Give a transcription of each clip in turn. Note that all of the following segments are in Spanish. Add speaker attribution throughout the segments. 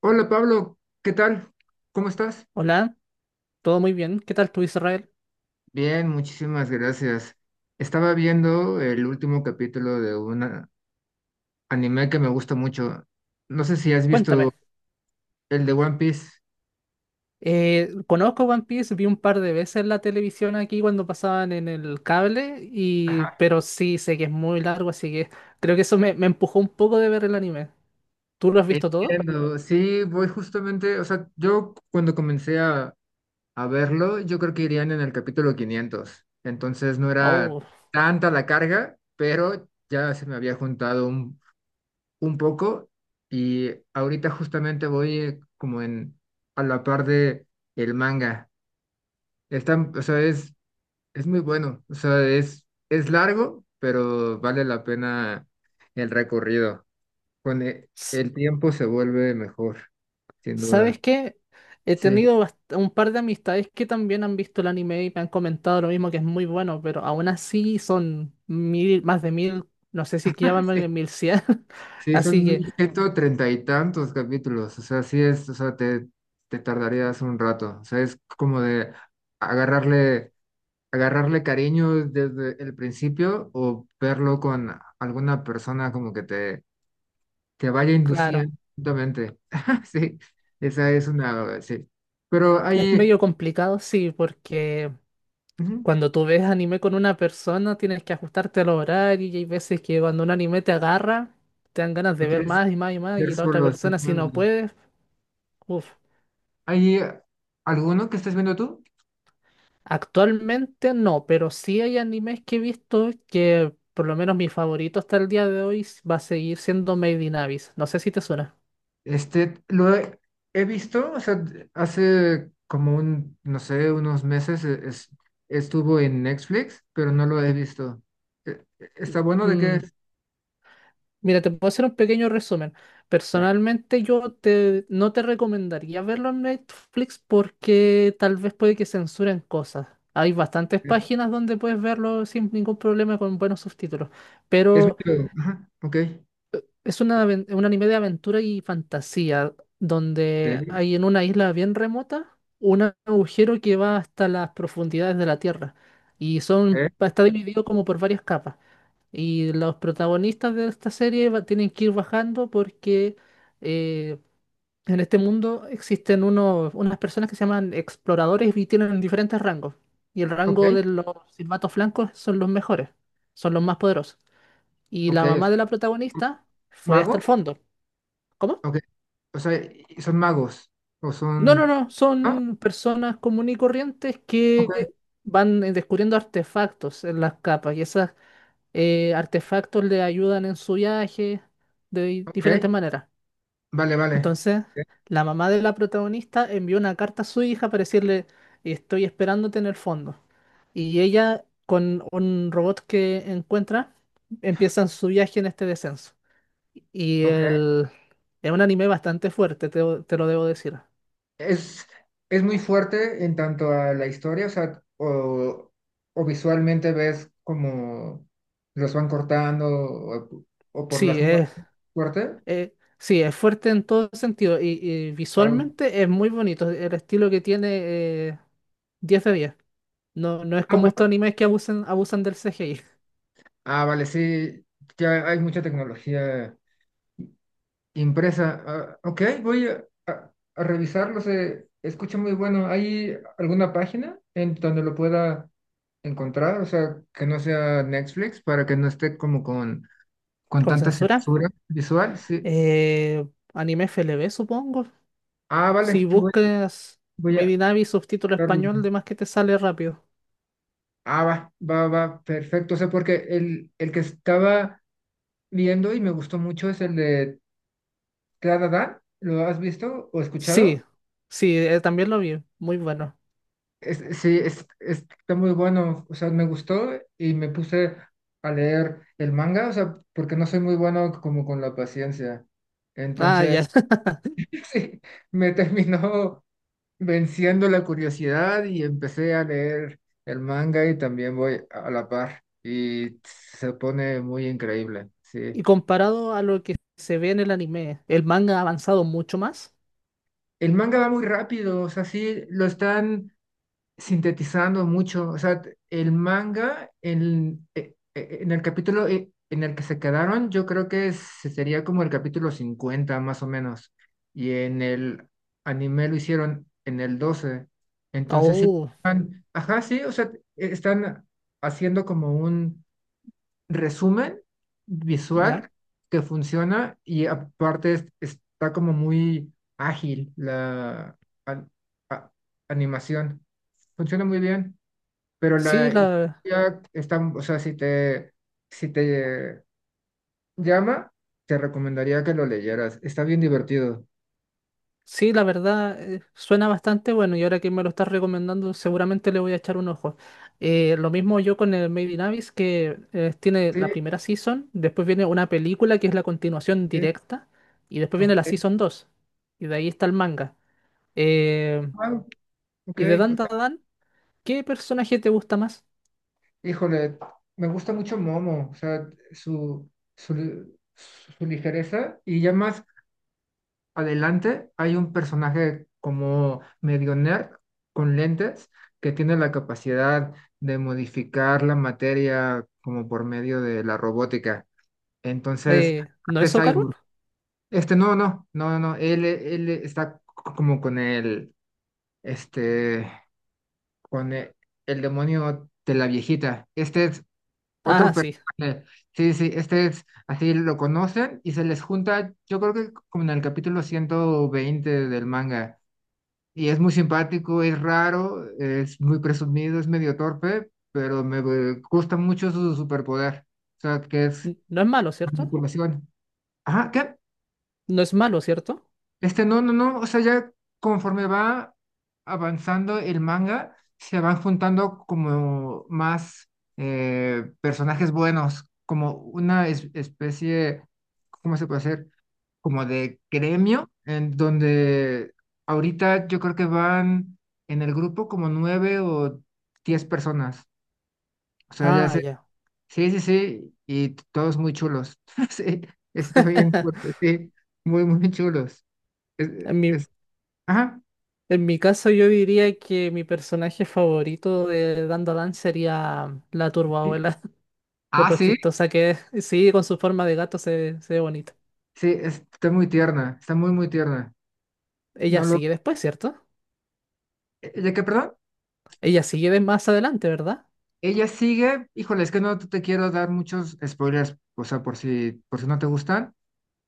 Speaker 1: Hola Pablo, ¿qué tal? ¿Cómo estás?
Speaker 2: Hola, todo muy bien. ¿Qué tal tú, Israel?
Speaker 1: Bien, muchísimas gracias. Estaba viendo el último capítulo de un anime que me gusta mucho. No sé si has
Speaker 2: Cuéntame.
Speaker 1: visto el de One Piece.
Speaker 2: Conozco One Piece, vi un par de veces la televisión aquí cuando pasaban en el cable, y...
Speaker 1: Ajá.
Speaker 2: pero sí sé que es muy largo, así que creo que eso me empujó un poco de ver el anime. ¿Tú lo has visto todo?
Speaker 1: Entiendo, sí, voy justamente, o sea, yo cuando comencé a verlo, yo creo que irían en el capítulo 500. Entonces no era
Speaker 2: Oh,
Speaker 1: tanta la carga, pero ya se me había juntado un poco y ahorita justamente voy como en a la par de el manga. Está, o sea, es muy bueno, o sea, es largo, pero vale la pena el recorrido. Con
Speaker 2: s-
Speaker 1: el, tiempo se vuelve mejor, sin duda.
Speaker 2: ¿sabes qué? He
Speaker 1: Sí,
Speaker 2: tenido un par de amistades que también han visto el anime y me han comentado lo mismo, que es muy bueno, pero aún así son mil, más de mil, no sé si que
Speaker 1: sí,
Speaker 2: llaman mil cien,
Speaker 1: sí,
Speaker 2: así
Speaker 1: son
Speaker 2: que,
Speaker 1: 1130 y tantos capítulos, o sea, sí es, o sea, te tardarías un rato, o sea, es como de agarrarle agarrarle cariño desde el principio o verlo con alguna persona como que te vaya
Speaker 2: claro.
Speaker 1: induciendo lentamente. Sí, esa es una, sí. Pero
Speaker 2: Es
Speaker 1: ahí,
Speaker 2: medio complicado, sí, porque
Speaker 1: ujú,
Speaker 2: cuando tú ves anime con una persona tienes que ajustarte al horario y hay veces que cuando un anime te agarra, te dan ganas de
Speaker 1: lo
Speaker 2: ver
Speaker 1: quieres
Speaker 2: más y más y más
Speaker 1: ver
Speaker 2: y la otra
Speaker 1: solo,
Speaker 2: persona si no
Speaker 1: exactamente.
Speaker 2: puedes, uff.
Speaker 1: ¿Hay alguno que estés viendo tú?
Speaker 2: Actualmente no, pero sí hay animes que he visto que por lo menos mi favorito hasta el día de hoy va a seguir siendo Made in Abyss. No sé si te suena.
Speaker 1: Este, he visto, o sea, hace como un, no sé, unos meses estuvo en Netflix, pero no lo he visto. ¿Está bueno? ¿De qué
Speaker 2: Mm.
Speaker 1: es?
Speaker 2: Mira, te puedo hacer un pequeño resumen.
Speaker 1: Va.
Speaker 2: Personalmente, no te recomendaría verlo en Netflix porque tal vez puede que censuren cosas. Hay bastantes páginas donde puedes verlo sin ningún problema con buenos subtítulos.
Speaker 1: Es
Speaker 2: Pero
Speaker 1: medio, ajá, ok,
Speaker 2: es una, un anime de aventura y fantasía donde
Speaker 1: sí,
Speaker 2: hay en una isla bien remota un agujero que va hasta las profundidades de la Tierra y son,
Speaker 1: ok,
Speaker 2: está dividido como por varias capas. Y los protagonistas de esta serie tienen que ir bajando porque eh, en este mundo existen unos, unas personas que se llaman exploradores y tienen diferentes rangos. Y el
Speaker 1: ok,
Speaker 2: rango de los silbatos blancos son los mejores, son los más poderosos. Y
Speaker 1: ok,
Speaker 2: la
Speaker 1: o
Speaker 2: mamá de la
Speaker 1: sea,
Speaker 2: protagonista fue hasta el
Speaker 1: mago,
Speaker 2: fondo. ¿Cómo?
Speaker 1: ok, o sea, y- son magos, o
Speaker 2: No, no,
Speaker 1: son,
Speaker 2: no,
Speaker 1: ah,
Speaker 2: son personas comunes y corrientes
Speaker 1: ok,
Speaker 2: que van descubriendo artefactos en las capas y esos artefactos le ayudan en su viaje de
Speaker 1: ok,
Speaker 2: diferentes maneras.
Speaker 1: vale, vale,
Speaker 2: Entonces, la mamá de la protagonista envió una carta a su hija para decirle, estoy esperándote en el fondo. Y ella, con un robot que encuentra, empiezan su viaje en este descenso. Y
Speaker 1: ok,
Speaker 2: el... es un anime bastante fuerte, te lo debo decir.
Speaker 1: es, es muy fuerte en tanto a la historia, o sea, o visualmente ves como los van cortando, o por las
Speaker 2: Sí,
Speaker 1: muertes,
Speaker 2: es,
Speaker 1: fuerte,
Speaker 2: sí, es fuerte en todo sentido y
Speaker 1: wao.
Speaker 2: visualmente es muy bonito. El estilo que tiene 10 de 10. No, no es
Speaker 1: Ah,
Speaker 2: como estos
Speaker 1: guau.
Speaker 2: animes que abusan del CGI.
Speaker 1: Ah, vale, sí, ya hay mucha tecnología impresa. Ah, ok, voy a revisarlo. Se escucha muy bueno. ¿Hay alguna página en donde lo pueda encontrar? O sea, que no sea Netflix para que no esté como con
Speaker 2: ¿Con
Speaker 1: tanta
Speaker 2: censura?
Speaker 1: censura visual. Sí.
Speaker 2: Eh, Anime F L V supongo.
Speaker 1: Ah,
Speaker 2: Si
Speaker 1: vale.
Speaker 2: buscas
Speaker 1: Voy
Speaker 2: Made
Speaker 1: a...
Speaker 2: in Abyss subtítulo español, de más que te sale rápido.
Speaker 1: Ah, va, va, va. Perfecto. O sea, porque el que estaba viendo y me gustó mucho es el de Tradada. ¿Lo has visto o
Speaker 2: Sí,
Speaker 1: escuchado?
Speaker 2: sí, también lo vi. Muy bueno.
Speaker 1: Sí, está muy bueno, o sea, me gustó y me puse a leer el manga, o sea, porque no soy muy bueno como con la paciencia.
Speaker 2: Ah,
Speaker 1: Entonces,
Speaker 2: ya.
Speaker 1: sí, me terminó venciendo la curiosidad y empecé a leer el manga y también voy a la par y se pone muy increíble,
Speaker 2: Y
Speaker 1: sí.
Speaker 2: comparado a lo que se ve en el anime, el manga ha avanzado mucho más.
Speaker 1: El manga va muy rápido, o sea, sí, lo están sintetizando mucho. O sea, el manga, en, en el capítulo en el que se quedaron, yo creo que sería como el capítulo 50 más o menos. Y en el anime lo hicieron en el 12. Entonces, sí,
Speaker 2: Oh,
Speaker 1: ajá, sí, o sea, están haciendo como un resumen
Speaker 2: ya.
Speaker 1: visual que funciona y aparte está como muy ágil la an- a- animación. Funciona muy bien, pero la
Speaker 2: Sí, la,
Speaker 1: historia está, o sea, si te llama, te recomendaría que lo leyeras. Está bien divertido.
Speaker 2: Sí, la verdad, suena bastante bueno y ahora que me lo estás recomendando, seguramente le voy a echar un ojo. Lo mismo yo con el Made in Abyss, que tiene la
Speaker 1: Sí,
Speaker 2: primera season, después viene una película que es la continuación
Speaker 1: sí,
Speaker 2: directa, y después viene la
Speaker 1: ok,
Speaker 2: season 2 y de ahí está el manga. Eh,
Speaker 1: wow, ok,
Speaker 2: y de
Speaker 1: o
Speaker 2: Dan
Speaker 1: sea,
Speaker 2: Dan, ¿qué personaje te gusta más?
Speaker 1: híjole, me gusta mucho Momo, o sea, su ligereza y ya más adelante hay un personaje como medio nerd con lentes que tiene la capacidad de modificar la materia como por medio de la robótica. Entonces,
Speaker 2: ¿No
Speaker 1: este
Speaker 2: es Socarun?
Speaker 1: cyborg, este no, no, no, no, él está como con el, este, con el, demonio de la viejita. Este es
Speaker 2: Ah,
Speaker 1: otro
Speaker 2: sí.
Speaker 1: personaje. Sí, sí, este es, así lo conocen y se les junta, yo creo que como en el capítulo 120 del manga y es muy simpático, es raro, es muy presumido, es medio torpe, pero me gusta mucho su superpoder. O sea, que es
Speaker 2: No es malo, ¿cierto?
Speaker 1: manipulación. Ajá, ¿qué?
Speaker 2: No es malo, ¿cierto?
Speaker 1: Este, no, no, no. O sea, ya conforme va avanzando el manga, se van juntando como más personajes buenos, como una especie, ¿cómo se puede hacer? Como de gremio, en donde ahorita yo creo que van en el grupo como nueve o 10 personas. O sea, ya
Speaker 2: Ah,
Speaker 1: sé,
Speaker 2: ya.
Speaker 1: sí, sí, sí, y todos muy chulos. Sí, está bien fuerte, sí, muy, muy chulos. Es,
Speaker 2: Mi,
Speaker 1: es- ajá.
Speaker 2: En mi caso, yo diría que mi personaje favorito de Dandadan sería la
Speaker 1: Sí.
Speaker 2: Turboabuela, por
Speaker 1: Ah,
Speaker 2: lo
Speaker 1: sí,
Speaker 2: chistosa que es. Sí, con su forma de gato se ve bonito.
Speaker 1: sí, está muy tierna, está muy, muy tierna.
Speaker 2: Ella
Speaker 1: No lo,
Speaker 2: sigue después, ¿cierto?
Speaker 1: ¿de qué, perdón?
Speaker 2: Ella sigue de más adelante, ¿verdad?
Speaker 1: Ella sigue, híjole, es que no te quiero dar muchos spoilers, o sea, por si no te gustan,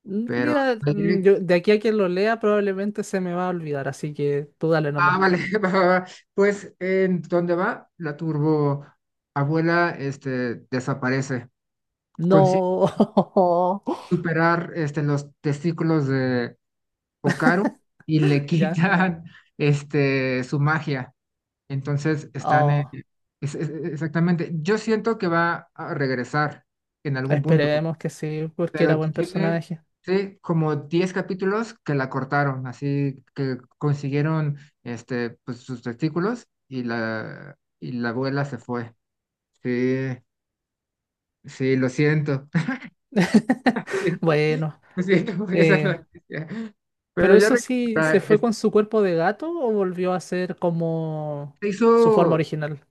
Speaker 1: pero
Speaker 2: Mira, de aquí a quien lo lea probablemente se me va a olvidar, así que tú dale
Speaker 1: ah,
Speaker 2: nomás.
Speaker 1: vale, va, va, va. Pues en dónde va, la turbo abuela este, desaparece. Consigue
Speaker 2: No,
Speaker 1: superar este, los testículos de Okaru y le
Speaker 2: ya.
Speaker 1: quitan este, su magia. Entonces están
Speaker 2: Oh,
Speaker 1: exactamente. Yo siento que va a regresar en algún punto.
Speaker 2: esperemos que sí, porque era
Speaker 1: Pero
Speaker 2: buen
Speaker 1: tiene
Speaker 2: personaje.
Speaker 1: sí, como 10 capítulos que la cortaron, así que consiguieron este, pues, sus testículos y y la abuela se fue. Sí, sí, lo siento. Sí,
Speaker 2: Bueno.
Speaker 1: lo siento por esa
Speaker 2: eh,
Speaker 1: noticia. Pero
Speaker 2: Pero
Speaker 1: ya
Speaker 2: eso sí,
Speaker 1: recupera,
Speaker 2: ¿se fue con su cuerpo de gato o volvió a ser como
Speaker 1: se
Speaker 2: su forma
Speaker 1: hizo
Speaker 2: original?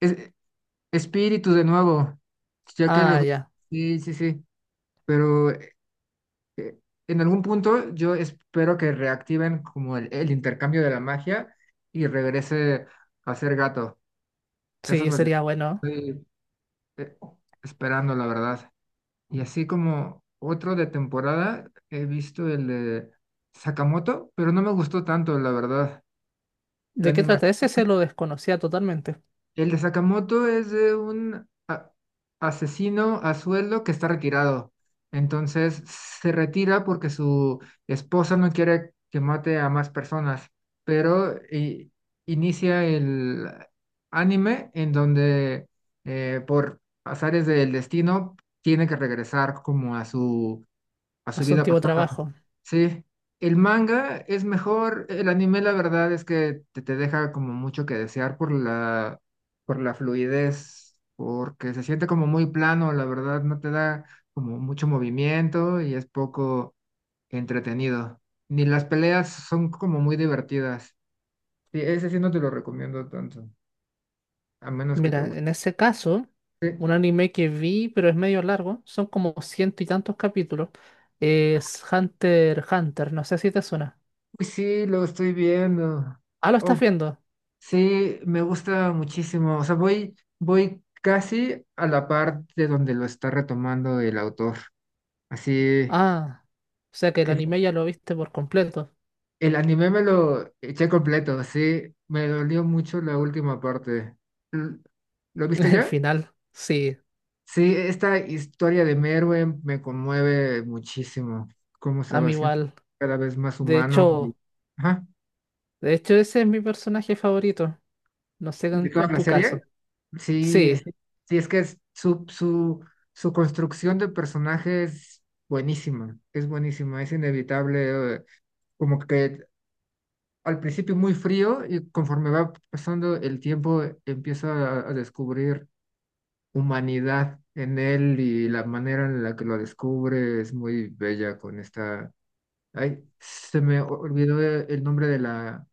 Speaker 1: es- espíritu de nuevo, ya que lo...
Speaker 2: Ah, ya.
Speaker 1: Sí, sí, sí, pero en algún punto yo espero que reactiven como el intercambio de la magia y regrese a ser gato. Eso es
Speaker 2: Sí,
Speaker 1: lo que
Speaker 2: sería bueno.
Speaker 1: estoy eh, esperando, la verdad. Y así como otro de temporada, he visto el de Sakamoto, pero no me gustó tanto, la verdad. La
Speaker 2: ¿De qué trata
Speaker 1: animación.
Speaker 2: ese? Se lo desconocía totalmente.
Speaker 1: El de Sakamoto es de un asesino a sueldo que está retirado. Entonces se retira porque su esposa no quiere que mate a más personas, pero inicia el anime en donde por azares del destino tiene que regresar como a a
Speaker 2: A
Speaker 1: su
Speaker 2: su
Speaker 1: vida
Speaker 2: antiguo
Speaker 1: pasada.
Speaker 2: trabajo.
Speaker 1: Sí, el manga es mejor, el anime la verdad es que te deja como mucho que desear por por la fluidez, porque se siente como muy plano, la verdad no te da como mucho movimiento y es poco entretenido. Ni las peleas son como muy divertidas. Sí, ese sí no te lo recomiendo tanto, a menos que te
Speaker 2: Mira,
Speaker 1: guste.
Speaker 2: en ese caso,
Speaker 1: Sí,
Speaker 2: un anime que vi, pero es medio largo, son como ciento y tantos capítulos, es Hunter x Hunter. No sé si te suena.
Speaker 1: uy, sí, lo estoy viendo.
Speaker 2: Ah, lo
Speaker 1: Oh,
Speaker 2: estás viendo.
Speaker 1: sí, me gusta muchísimo. O sea, voy casi a la parte donde lo está retomando el autor. Así,
Speaker 2: Ah, o sea que el
Speaker 1: el,
Speaker 2: anime ya lo viste por completo.
Speaker 1: el anime me lo eché completo, sí. Me dolió mucho la última parte. L- ¿Lo viste
Speaker 2: El
Speaker 1: ya?
Speaker 2: final, sí,
Speaker 1: Sí, esta historia de Merwin me conmueve muchísimo. Cómo se
Speaker 2: a
Speaker 1: va
Speaker 2: mí
Speaker 1: haciendo
Speaker 2: igual.
Speaker 1: cada vez más
Speaker 2: De
Speaker 1: humano. Y-
Speaker 2: hecho.
Speaker 1: ajá.
Speaker 2: De hecho, ese es mi personaje favorito. No sé
Speaker 1: ¿De toda
Speaker 2: en
Speaker 1: la
Speaker 2: tu
Speaker 1: serie?
Speaker 2: caso.
Speaker 1: Sí,
Speaker 2: Sí,
Speaker 1: sí, es que es su construcción de personaje es buenísima, es buenísima, es inevitable, como que al principio muy frío y conforme va pasando el tiempo empieza a descubrir humanidad en él y la manera en la que lo descubre es muy bella con esta... Ay, se me olvidó el nombre de la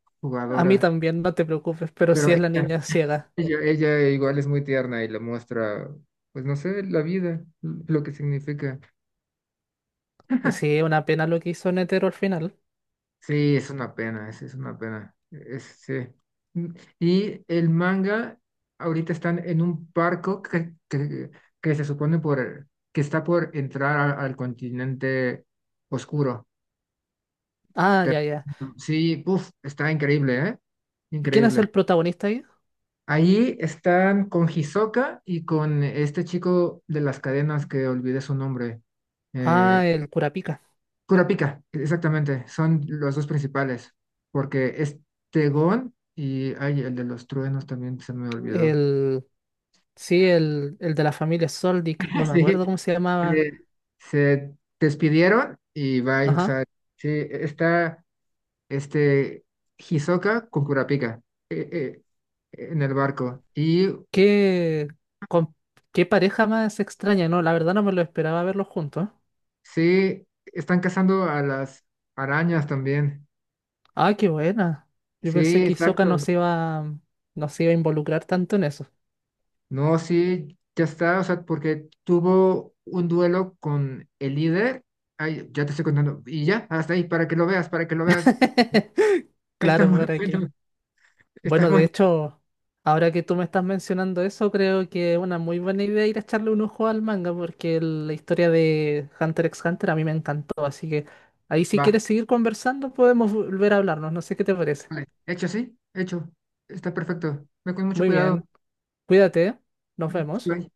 Speaker 2: a mí
Speaker 1: jugadora,
Speaker 2: también, no te preocupes, pero
Speaker 1: pero
Speaker 2: sí es la
Speaker 1: ella,
Speaker 2: niña ciega.
Speaker 1: Ella, ella igual es muy tierna y le muestra, pues no sé, la vida, lo que significa.
Speaker 2: Sí, es una pena lo que hizo Netero al final.
Speaker 1: Sí, es una pena, es una pena. Es, sí. Mm, y el manga, ahorita están en un barco que se supone por, que está por entrar al continente oscuro.
Speaker 2: Ah,
Speaker 1: Te-
Speaker 2: ya, ya.
Speaker 1: sí, puf, está increíble, ¿eh?
Speaker 2: ¿Y quién es
Speaker 1: Increíble.
Speaker 2: el protagonista ahí?
Speaker 1: Allí están con Hisoka y con este chico de las cadenas que olvidé su nombre. Eh,
Speaker 2: Ah, el Kurapika.
Speaker 1: Kurapika, exactamente, son los dos principales, porque este Gon y ay, el de los truenos también se me olvidó.
Speaker 2: El. Sí, el de la familia Soldic. No me
Speaker 1: Sí,
Speaker 2: acuerdo cómo se llamaba.
Speaker 1: se, se despidieron y bye, o
Speaker 2: Ajá.
Speaker 1: sea, sí, está este Hisoka con Kurapika eh, eh, en el barco y
Speaker 2: Qué. con- qué pareja más extraña, ¿no? La verdad no me lo esperaba verlos juntos.
Speaker 1: sí, están cazando a las arañas también.
Speaker 2: Ah, qué buena. Yo pensé
Speaker 1: Sí,
Speaker 2: que Hisoka
Speaker 1: exacto.
Speaker 2: no se iba a involucrar tanto en eso.
Speaker 1: No, sí, ya está, o sea, porque tuvo un duelo con el líder. Ay, ya te estoy contando. Y ya, hasta ahí, para que lo veas, para que lo veas. Está
Speaker 2: Claro,
Speaker 1: muy
Speaker 2: ¿para qué?
Speaker 1: bueno, está
Speaker 2: Bueno, de
Speaker 1: bueno.
Speaker 2: hecho, ahora que tú me estás mencionando eso, creo que es una muy buena idea ir a echarle un ojo al manga, porque la historia de Hunter x Hunter a mí me encantó, así que ahí si
Speaker 1: Va,
Speaker 2: quieres seguir conversando podemos volver a hablarnos, no sé qué te parece.
Speaker 1: vale. Hecho, sí, hecho. Está perfecto. Ve con mucho
Speaker 2: Muy
Speaker 1: cuidado.
Speaker 2: bien, cuídate, nos vemos.
Speaker 1: Bye.